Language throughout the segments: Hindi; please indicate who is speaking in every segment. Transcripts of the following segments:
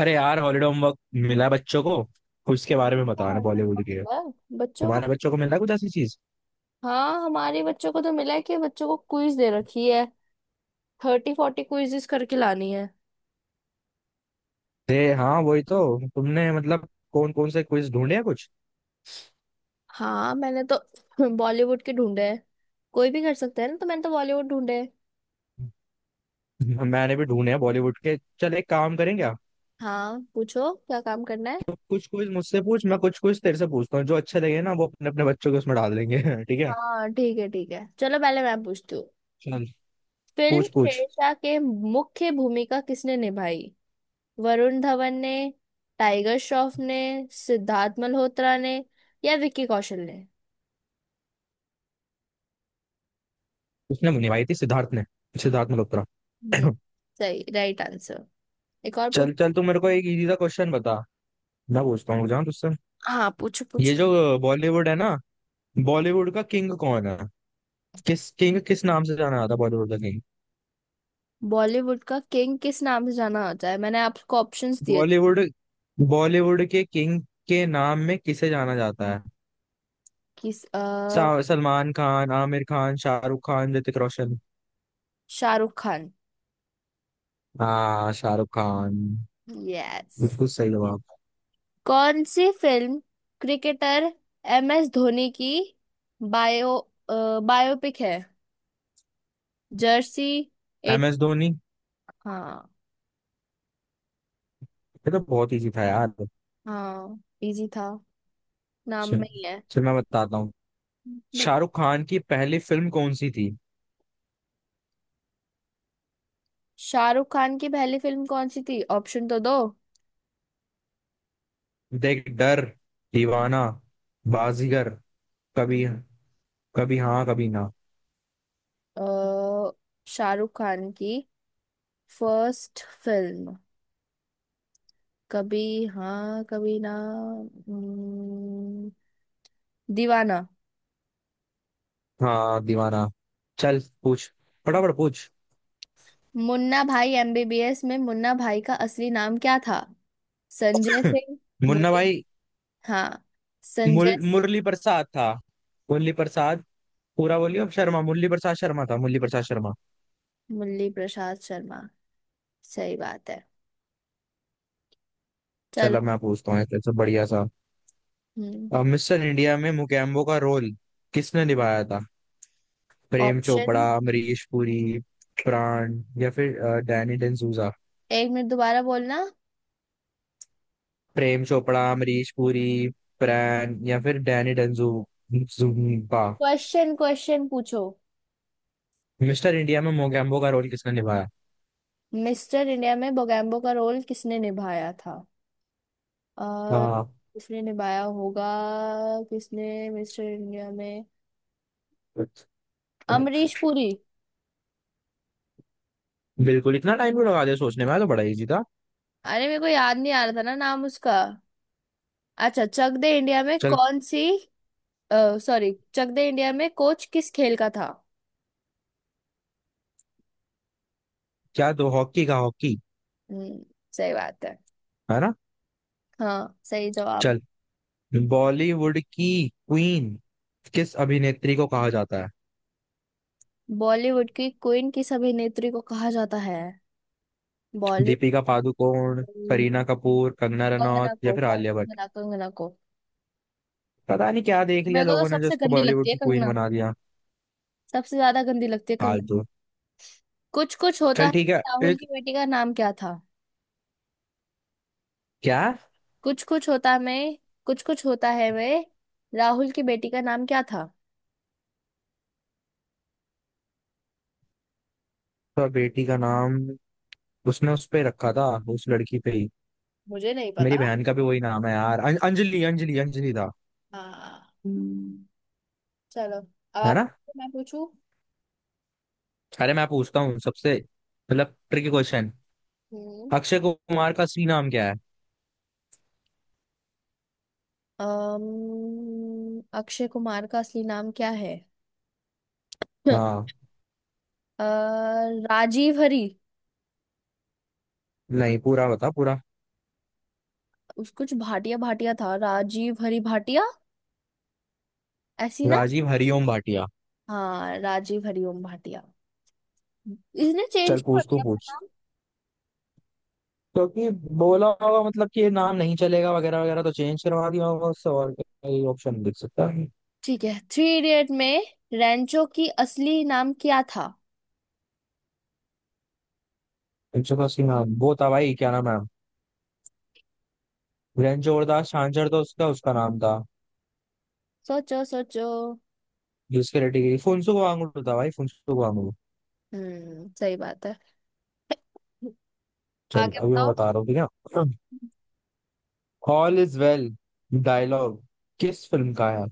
Speaker 1: अरे यार, हॉलीडे होमवर्क मिला है बच्चों को। उसके बारे में बताना, बॉलीवुड के।
Speaker 2: है? बच्चों को।
Speaker 1: तुम्हारे बच्चों को मिला है कुछ ऐसी चीज?
Speaker 2: हाँ हमारे बच्चों को तो मिला है कि बच्चों को क्विज दे रखी है। थर्टी फोर्टी क्विजेस करके लानी है।
Speaker 1: दे, हाँ वही तो। तुमने मतलब कौन कौन से क्विज ढूंढे हैं कुछ?
Speaker 2: हाँ मैंने तो बॉलीवुड के ढूंढे हैं। कोई भी कर सकता है ना, तो मैंने तो बॉलीवुड ढूंढे हैं।
Speaker 1: मैंने भी ढूंढे हैं बॉलीवुड के। चल, एक काम करें क्या।
Speaker 2: हाँ पूछो, क्या काम करना है।
Speaker 1: तो कुछ क्विज मुझसे पूछ, मैं कुछ क्विज तेरे से पूछता हूँ, जो अच्छे लगे ना वो अपने अपने बच्चों के उसमें डाल देंगे। ठीक है।
Speaker 2: हाँ ठीक है, ठीक है, चलो पहले मैं पूछती हूँ।
Speaker 1: चल।
Speaker 2: फिल्म
Speaker 1: पूछ पूछ।
Speaker 2: शेरशाह के मुख्य भूमिका किसने निभाई? वरुण धवन ने? टाइगर श्रॉफ ने? सिद्धार्थ मल्होत्रा ने? या विक्की कौशल ने?
Speaker 1: उसने निभाई थी सिद्धार्थ ने। सिद्धार्थ मल्होत्रा।
Speaker 2: हम्म। सही राइट आंसर। एक और पूछ।
Speaker 1: चल चल, तू मेरे को एक इजी सा क्वेश्चन बता। मैं पूछता हूँ जहाँ तुझसे।
Speaker 2: हाँ पूछो,
Speaker 1: ये
Speaker 2: पूछो।
Speaker 1: जो बॉलीवुड है ना, बॉलीवुड का किंग कौन है? किस किंग, किस नाम से जाना जाता है बॉलीवुड का किंग?
Speaker 2: बॉलीवुड का किंग किस नाम से जाना होता है, मैंने आपको ऑप्शंस दिए थे।
Speaker 1: बॉलीवुड, बॉलीवुड के किंग के नाम में किसे जाना जाता है?
Speaker 2: किस।
Speaker 1: सलमान खान, आमिर खान, शाहरुख खान, ऋतिक रोशन।
Speaker 2: शाहरुख खान।
Speaker 1: हाँ, शाहरुख खान।
Speaker 2: यस।
Speaker 1: बिल्कुल सही जवाब।
Speaker 2: कौन सी फिल्म? क्रिकेटर एम एस धोनी की बायो बायोपिक है। जर्सी?
Speaker 1: एम
Speaker 2: एट?
Speaker 1: एस धोनी।
Speaker 2: हाँ।
Speaker 1: ये तो बहुत इजी था यार।
Speaker 2: हाँ इजी था। नाम
Speaker 1: चल।
Speaker 2: में ही है।
Speaker 1: चल, मैं बताता हूँ।
Speaker 2: बट
Speaker 1: शाहरुख खान की पहली फिल्म कौन सी थी?
Speaker 2: शाहरुख खान की पहली फिल्म कौन सी थी? ऑप्शन तो दो।
Speaker 1: देख, डर, दीवाना, बाजीगर, कभी, कभी हाँ कभी ना।
Speaker 2: अ, शाहरुख खान की फर्स्ट फिल्म कभी हाँ कभी ना? हम्म, दीवाना।
Speaker 1: हाँ, दीवाना। चल पूछ, फटाफट पूछ।
Speaker 2: मुन्ना भाई एमबीबीएस में मुन्ना भाई का असली नाम क्या था? संजय सिंह?
Speaker 1: मुन्ना
Speaker 2: मुरली?
Speaker 1: भाई,
Speaker 2: हाँ
Speaker 1: मुर,
Speaker 2: संजय?
Speaker 1: मुरली प्रसाद था। मुरली प्रसाद। पूरा बोलिए। अब शर्मा, मुरली प्रसाद शर्मा था, मुरली प्रसाद शर्मा।
Speaker 2: मुरली प्रसाद शर्मा। सही बात है। चलो।
Speaker 1: चलो, मैं पूछता हूँ एक सब बढ़िया सा।
Speaker 2: हम्म।
Speaker 1: अब मिस्टर इंडिया में मुकेम्बो का रोल किसने निभाया था? प्रेम चोपड़ा,
Speaker 2: ऑप्शन।
Speaker 1: अमरीश पुरी, प्राण या फिर डैनी डेंजूजा।
Speaker 2: एक मिनट, दोबारा बोलना।
Speaker 1: प्रेम चोपड़ा, अमरीश पुरी, प्राण या फिर डैनी डेंजू, जूम्बा।
Speaker 2: क्वेश्चन क्वेश्चन पूछो।
Speaker 1: मिस्टर इंडिया में मोगैम्बो का रोल किसने निभाया?
Speaker 2: मिस्टर इंडिया में बोगैम्बो का रोल किसने निभाया था? और
Speaker 1: हाँ।
Speaker 2: किसने निभाया होगा, किसने? मिस्टर इंडिया में अमरीश पुरी।
Speaker 1: बिल्कुल, इतना टाइम क्यों लगा दिया सोचने में यार, तो बड़ा इजी था।
Speaker 2: अरे मेरे को याद नहीं आ रहा था ना, नाम उसका। अच्छा, चक दे इंडिया में
Speaker 1: चल।
Speaker 2: कौन सी? सॉरी, चक दे इंडिया में कोच किस खेल का था?
Speaker 1: क्या दो? हॉकी का, हॉकी।
Speaker 2: हम्म। सही बात है।
Speaker 1: है ना।
Speaker 2: हाँ सही जवाब।
Speaker 1: चल। बॉलीवुड की क्वीन किस अभिनेत्री को कहा जाता है?
Speaker 2: बॉलीवुड की क्वीन किस अभिनेत्री को कहा जाता है? बॉलीवुड।
Speaker 1: दीपिका पादुकोण, करीना कपूर, कंगना रनौत
Speaker 2: कंगना
Speaker 1: या
Speaker 2: को।
Speaker 1: फिर आलिया भट्ट।
Speaker 2: कंगना कंगना को।
Speaker 1: पता नहीं क्या देख लिया
Speaker 2: मेरे को तो
Speaker 1: लोगों ने जो
Speaker 2: सबसे
Speaker 1: उसको
Speaker 2: गंदी लगती
Speaker 1: बॉलीवुड
Speaker 2: है
Speaker 1: की क्वीन
Speaker 2: कंगना।
Speaker 1: बना दिया।
Speaker 2: सबसे ज्यादा गंदी लगती है कंगना।
Speaker 1: फालतू।
Speaker 2: कुछ कुछ होता
Speaker 1: चल
Speaker 2: है।
Speaker 1: ठीक है।
Speaker 2: राहुल की
Speaker 1: एक।
Speaker 2: बेटी का नाम क्या था?
Speaker 1: क्या?
Speaker 2: कुछ कुछ होता, मैं। कुछ कुछ होता है वे। राहुल की बेटी का नाम क्या था?
Speaker 1: तो बेटी का नाम उसने उस पे रखा था, उस लड़की पे ही।
Speaker 2: मुझे नहीं
Speaker 1: मेरी
Speaker 2: पता।
Speaker 1: बहन का भी वही नाम है यार। अंजलि, अंजलि, अंजलि था।
Speaker 2: हाँ। हम्म, चलो अब
Speaker 1: है ना।
Speaker 2: आप। मैं पूछू।
Speaker 1: अरे मैं पूछता हूँ सबसे, मतलब ट्रिकी क्वेश्चन।
Speaker 2: हम्म।
Speaker 1: अक्षय कुमार का असली नाम क्या है?
Speaker 2: अक्षय कुमार का असली नाम क्या है?
Speaker 1: हाँ।
Speaker 2: अ, राजीव हरी।
Speaker 1: नहीं, पूरा बता, पूरा।
Speaker 2: उस कुछ भाटिया भाटिया था, राजीव हरी भाटिया। ऐसी ना?
Speaker 1: राजीव हरिओम भाटिया।
Speaker 2: हाँ राजीव हरी ओम भाटिया। इसने चेंज
Speaker 1: चल
Speaker 2: कर
Speaker 1: पूछ, तू
Speaker 2: दिया अपना
Speaker 1: पूछ।
Speaker 2: नाम।
Speaker 1: क्योंकि बोला होगा मतलब कि ये नाम नहीं चलेगा वगैरह वगैरह, तो चेंज करवा दिया होगा उससे। और कोई ऑप्शन दिख सकता है।
Speaker 2: ठीक है, थ्री इडियट में रैंचो की असली नाम क्या था?
Speaker 1: 180 नाम वो था भाई, क्या नाम है। वीरेंद्र जोरदास छांझर, तो उसका उसका नाम था।
Speaker 2: सोचो सोचो।
Speaker 1: जिसके रेटिंग फुनसुक वांगडू था भाई, फुनसुक वांगडू।
Speaker 2: हम्म। सही बात है।
Speaker 1: चल,
Speaker 2: आगे
Speaker 1: अभी मैं
Speaker 2: बताओ।
Speaker 1: बता रहा हूँ, ठीक है। ऑल इज वेल डायलॉग किस फिल्म का है?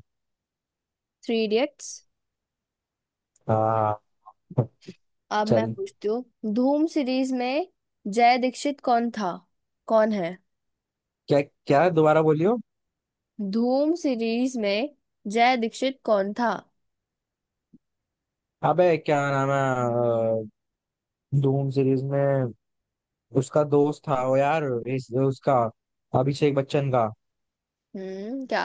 Speaker 2: Three idiots.
Speaker 1: हाँ।
Speaker 2: अब मैं
Speaker 1: चल।
Speaker 2: पूछती हूँ। धूम सीरीज में जय दीक्षित कौन था? कौन है?
Speaker 1: क्या? क्या, दोबारा बोलियो।
Speaker 2: धूम सीरीज में जय दीक्षित कौन था?
Speaker 1: अबे क्या नाम है। धूम सीरीज में उसका दोस्त था वो यार, उसका अभिषेक बच्चन का।
Speaker 2: हम्म, क्या?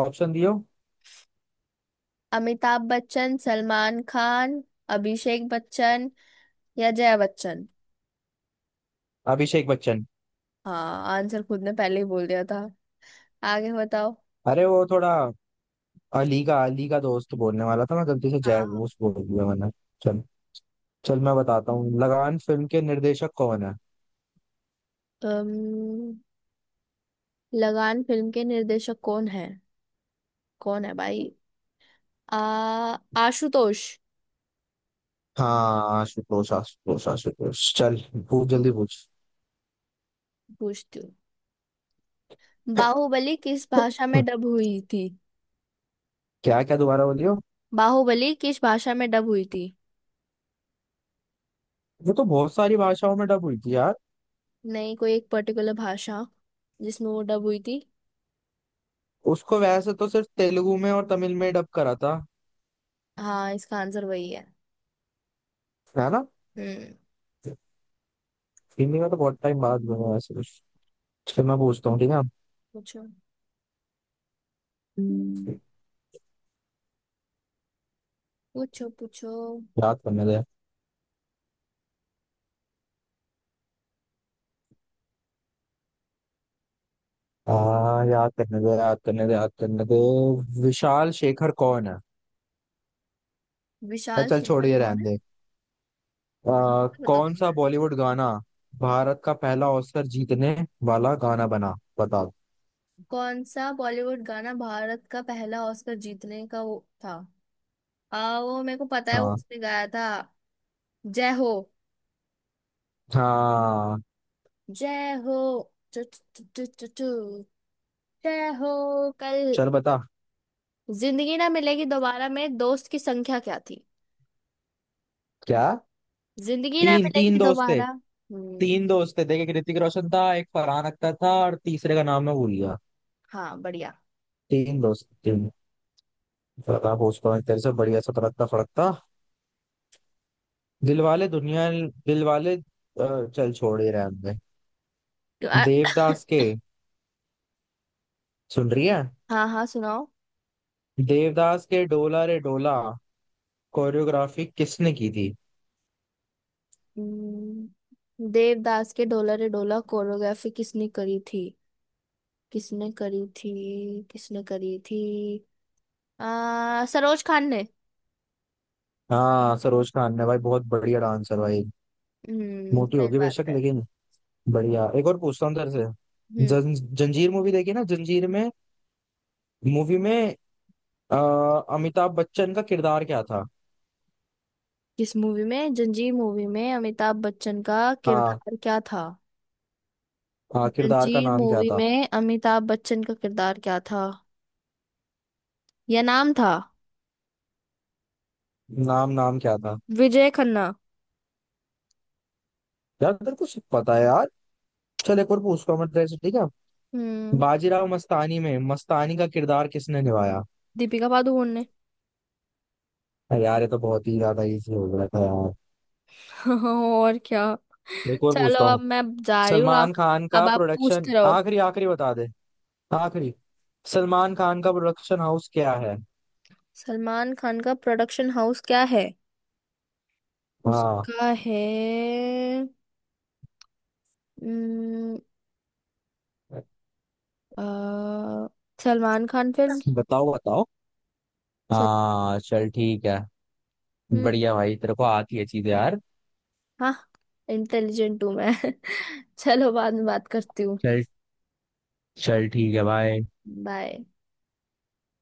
Speaker 1: ऑप्शन दियो।
Speaker 2: अमिताभ बच्चन? सलमान खान? अभिषेक बच्चन? या जया बच्चन?
Speaker 1: अभिषेक बच्चन।
Speaker 2: हाँ आंसर खुद ने पहले ही बोल दिया था। आगे बताओ।
Speaker 1: अरे वो थोड़ा, अली का, अली का दोस्त बोलने वाला था, मैं गलती से जय
Speaker 2: हाँ।
Speaker 1: घोष बोल दिया मैंने। चल। चल, मैं बताता हूँ। लगान फिल्म के निर्देशक कौन है?
Speaker 2: अम्म, लगान फिल्म के निर्देशक कौन है? कौन है भाई? आ आशुतोष।
Speaker 1: हाँ, आशुतोष, आशुतोष, आशुतोष। चल पूछ, जल्दी पूछ।
Speaker 2: पूछती हूँ। बाहुबली किस भाषा में डब हुई थी?
Speaker 1: क्या? क्या, दोबारा बोलियो।
Speaker 2: बाहुबली किस भाषा में डब हुई थी?
Speaker 1: वो तो बहुत सारी भाषाओं में डब हुई थी यार।
Speaker 2: नहीं, कोई एक पर्टिकुलर भाषा जिसमें वो डब हुई थी।
Speaker 1: उसको वैसे तो सिर्फ तेलुगु में और तमिल में डब करा था।
Speaker 2: हाँ इसका आंसर वही है।
Speaker 1: है ना।
Speaker 2: हम्म।
Speaker 1: हिंदी में तो बहुत टाइम बाद में हुआ वैसे। चल, मैं पूछता हूँ ठीक है।
Speaker 2: पूछो। हम्म, पूछो पूछो।
Speaker 1: याद करने दे। याद करने दे, याद करने दे, याद करने दे। विशाल शेखर कौन है? अरे
Speaker 2: विशाल
Speaker 1: चल छोड़,
Speaker 2: शेखर
Speaker 1: ये
Speaker 2: कौन
Speaker 1: रहने
Speaker 2: है?
Speaker 1: दे।
Speaker 2: बताओ
Speaker 1: कौन
Speaker 2: कौन
Speaker 1: सा
Speaker 2: है।
Speaker 1: बॉलीवुड गाना भारत का पहला ऑस्कर जीतने वाला गाना बना, बता।
Speaker 2: कौन सा बॉलीवुड गाना भारत का पहला ऑस्कर जीतने का वो था? वो मेरे को पता है, वो
Speaker 1: हाँ।
Speaker 2: उसने गाया था। जय हो।
Speaker 1: हाँ।
Speaker 2: जय हो। टु, टु, टु, टु, टु, जय हो। कल।
Speaker 1: चल बता।
Speaker 2: जिंदगी ना मिलेगी दोबारा में दोस्त की संख्या क्या थी?
Speaker 1: क्या?
Speaker 2: जिंदगी ना
Speaker 1: तीन, तीन
Speaker 2: मिलेगी
Speaker 1: दोस्त थे।
Speaker 2: दोबारा। हम्म।
Speaker 1: तीन दोस्त थे, देखे, ऋतिक रोशन था एक, फरहान अख्तर था, और तीसरे का नाम मैं भूल गया।
Speaker 2: हाँ बढ़िया।
Speaker 1: तीन दोस्त, तीन। बता, पूछता हूँ तेरे से बढ़िया सा, तड़कता फड़कता। दिलवाले दुनिया, दिलवाले, चल छोड़ ही रहे हमने।
Speaker 2: तो
Speaker 1: देवदास के। सुन रही है?
Speaker 2: हाँ हाँ सुनाओ।
Speaker 1: देवदास के डोला रे डोला कोरियोग्राफी किसने की थी?
Speaker 2: हम्म, देवदास के ढोला रे ढोला कोरियोग्राफी किसने करी थी? किसने करी थी? किसने करी थी? सरोज खान ने।
Speaker 1: हाँ, सरोज खान ने भाई, बहुत बढ़िया डांसर भाई।
Speaker 2: हम्म,
Speaker 1: मोटी
Speaker 2: सही
Speaker 1: होगी
Speaker 2: बात
Speaker 1: बेशक,
Speaker 2: है।
Speaker 1: लेकिन बढ़िया। एक और पूछता हूँ तेरे से।
Speaker 2: हम्म।
Speaker 1: जंजीर मूवी देखी ना, जंजीर में, मूवी में, अ, अमिताभ बच्चन का किरदार क्या था?
Speaker 2: किस मूवी में? जंजीर मूवी में अमिताभ बच्चन का
Speaker 1: हाँ।
Speaker 2: किरदार क्या था?
Speaker 1: हाँ, किरदार का
Speaker 2: जंजीर
Speaker 1: नाम क्या
Speaker 2: मूवी
Speaker 1: था?
Speaker 2: में अमिताभ बच्चन का किरदार क्या था? या नाम था?
Speaker 1: नाम, नाम क्या था?
Speaker 2: विजय खन्ना।
Speaker 1: यार तेरे को सब पता है यार। चल, एक और पूछता हूँ मैं तेरे से, ठीक है।
Speaker 2: हम्म।
Speaker 1: बाजीराव मस्तानी में मस्तानी का किरदार किसने निभाया?
Speaker 2: दीपिका पादुकोण ने।
Speaker 1: अरे यार, ये तो बहुत ही ज्यादा इजी हो गया था यार।
Speaker 2: और क्या।
Speaker 1: एक और
Speaker 2: चलो,
Speaker 1: पूछता
Speaker 2: अब
Speaker 1: हूँ।
Speaker 2: मैं जा रही हूँ,
Speaker 1: सलमान
Speaker 2: आप।
Speaker 1: खान का
Speaker 2: अब आप
Speaker 1: प्रोडक्शन,
Speaker 2: पूछते रहो।
Speaker 1: आखिरी, आखिरी बता दे। आखिरी। सलमान खान का प्रोडक्शन हाउस क्या है?
Speaker 2: सलमान खान का प्रोडक्शन हाउस क्या है?
Speaker 1: हाँ।
Speaker 2: उसका है। हम्म, अ, सलमान खान फिल्म।
Speaker 1: बताओ, बताओ।
Speaker 2: सल,
Speaker 1: हाँ चल ठीक है।
Speaker 2: हम्म,
Speaker 1: बढ़िया भाई, तेरे को आती है चीजें यार।
Speaker 2: हाँ। इंटेलिजेंट हूँ मैं। चलो बाद में बात करती हूँ।
Speaker 1: चल। चल, ठीक है भाई।
Speaker 2: बाय।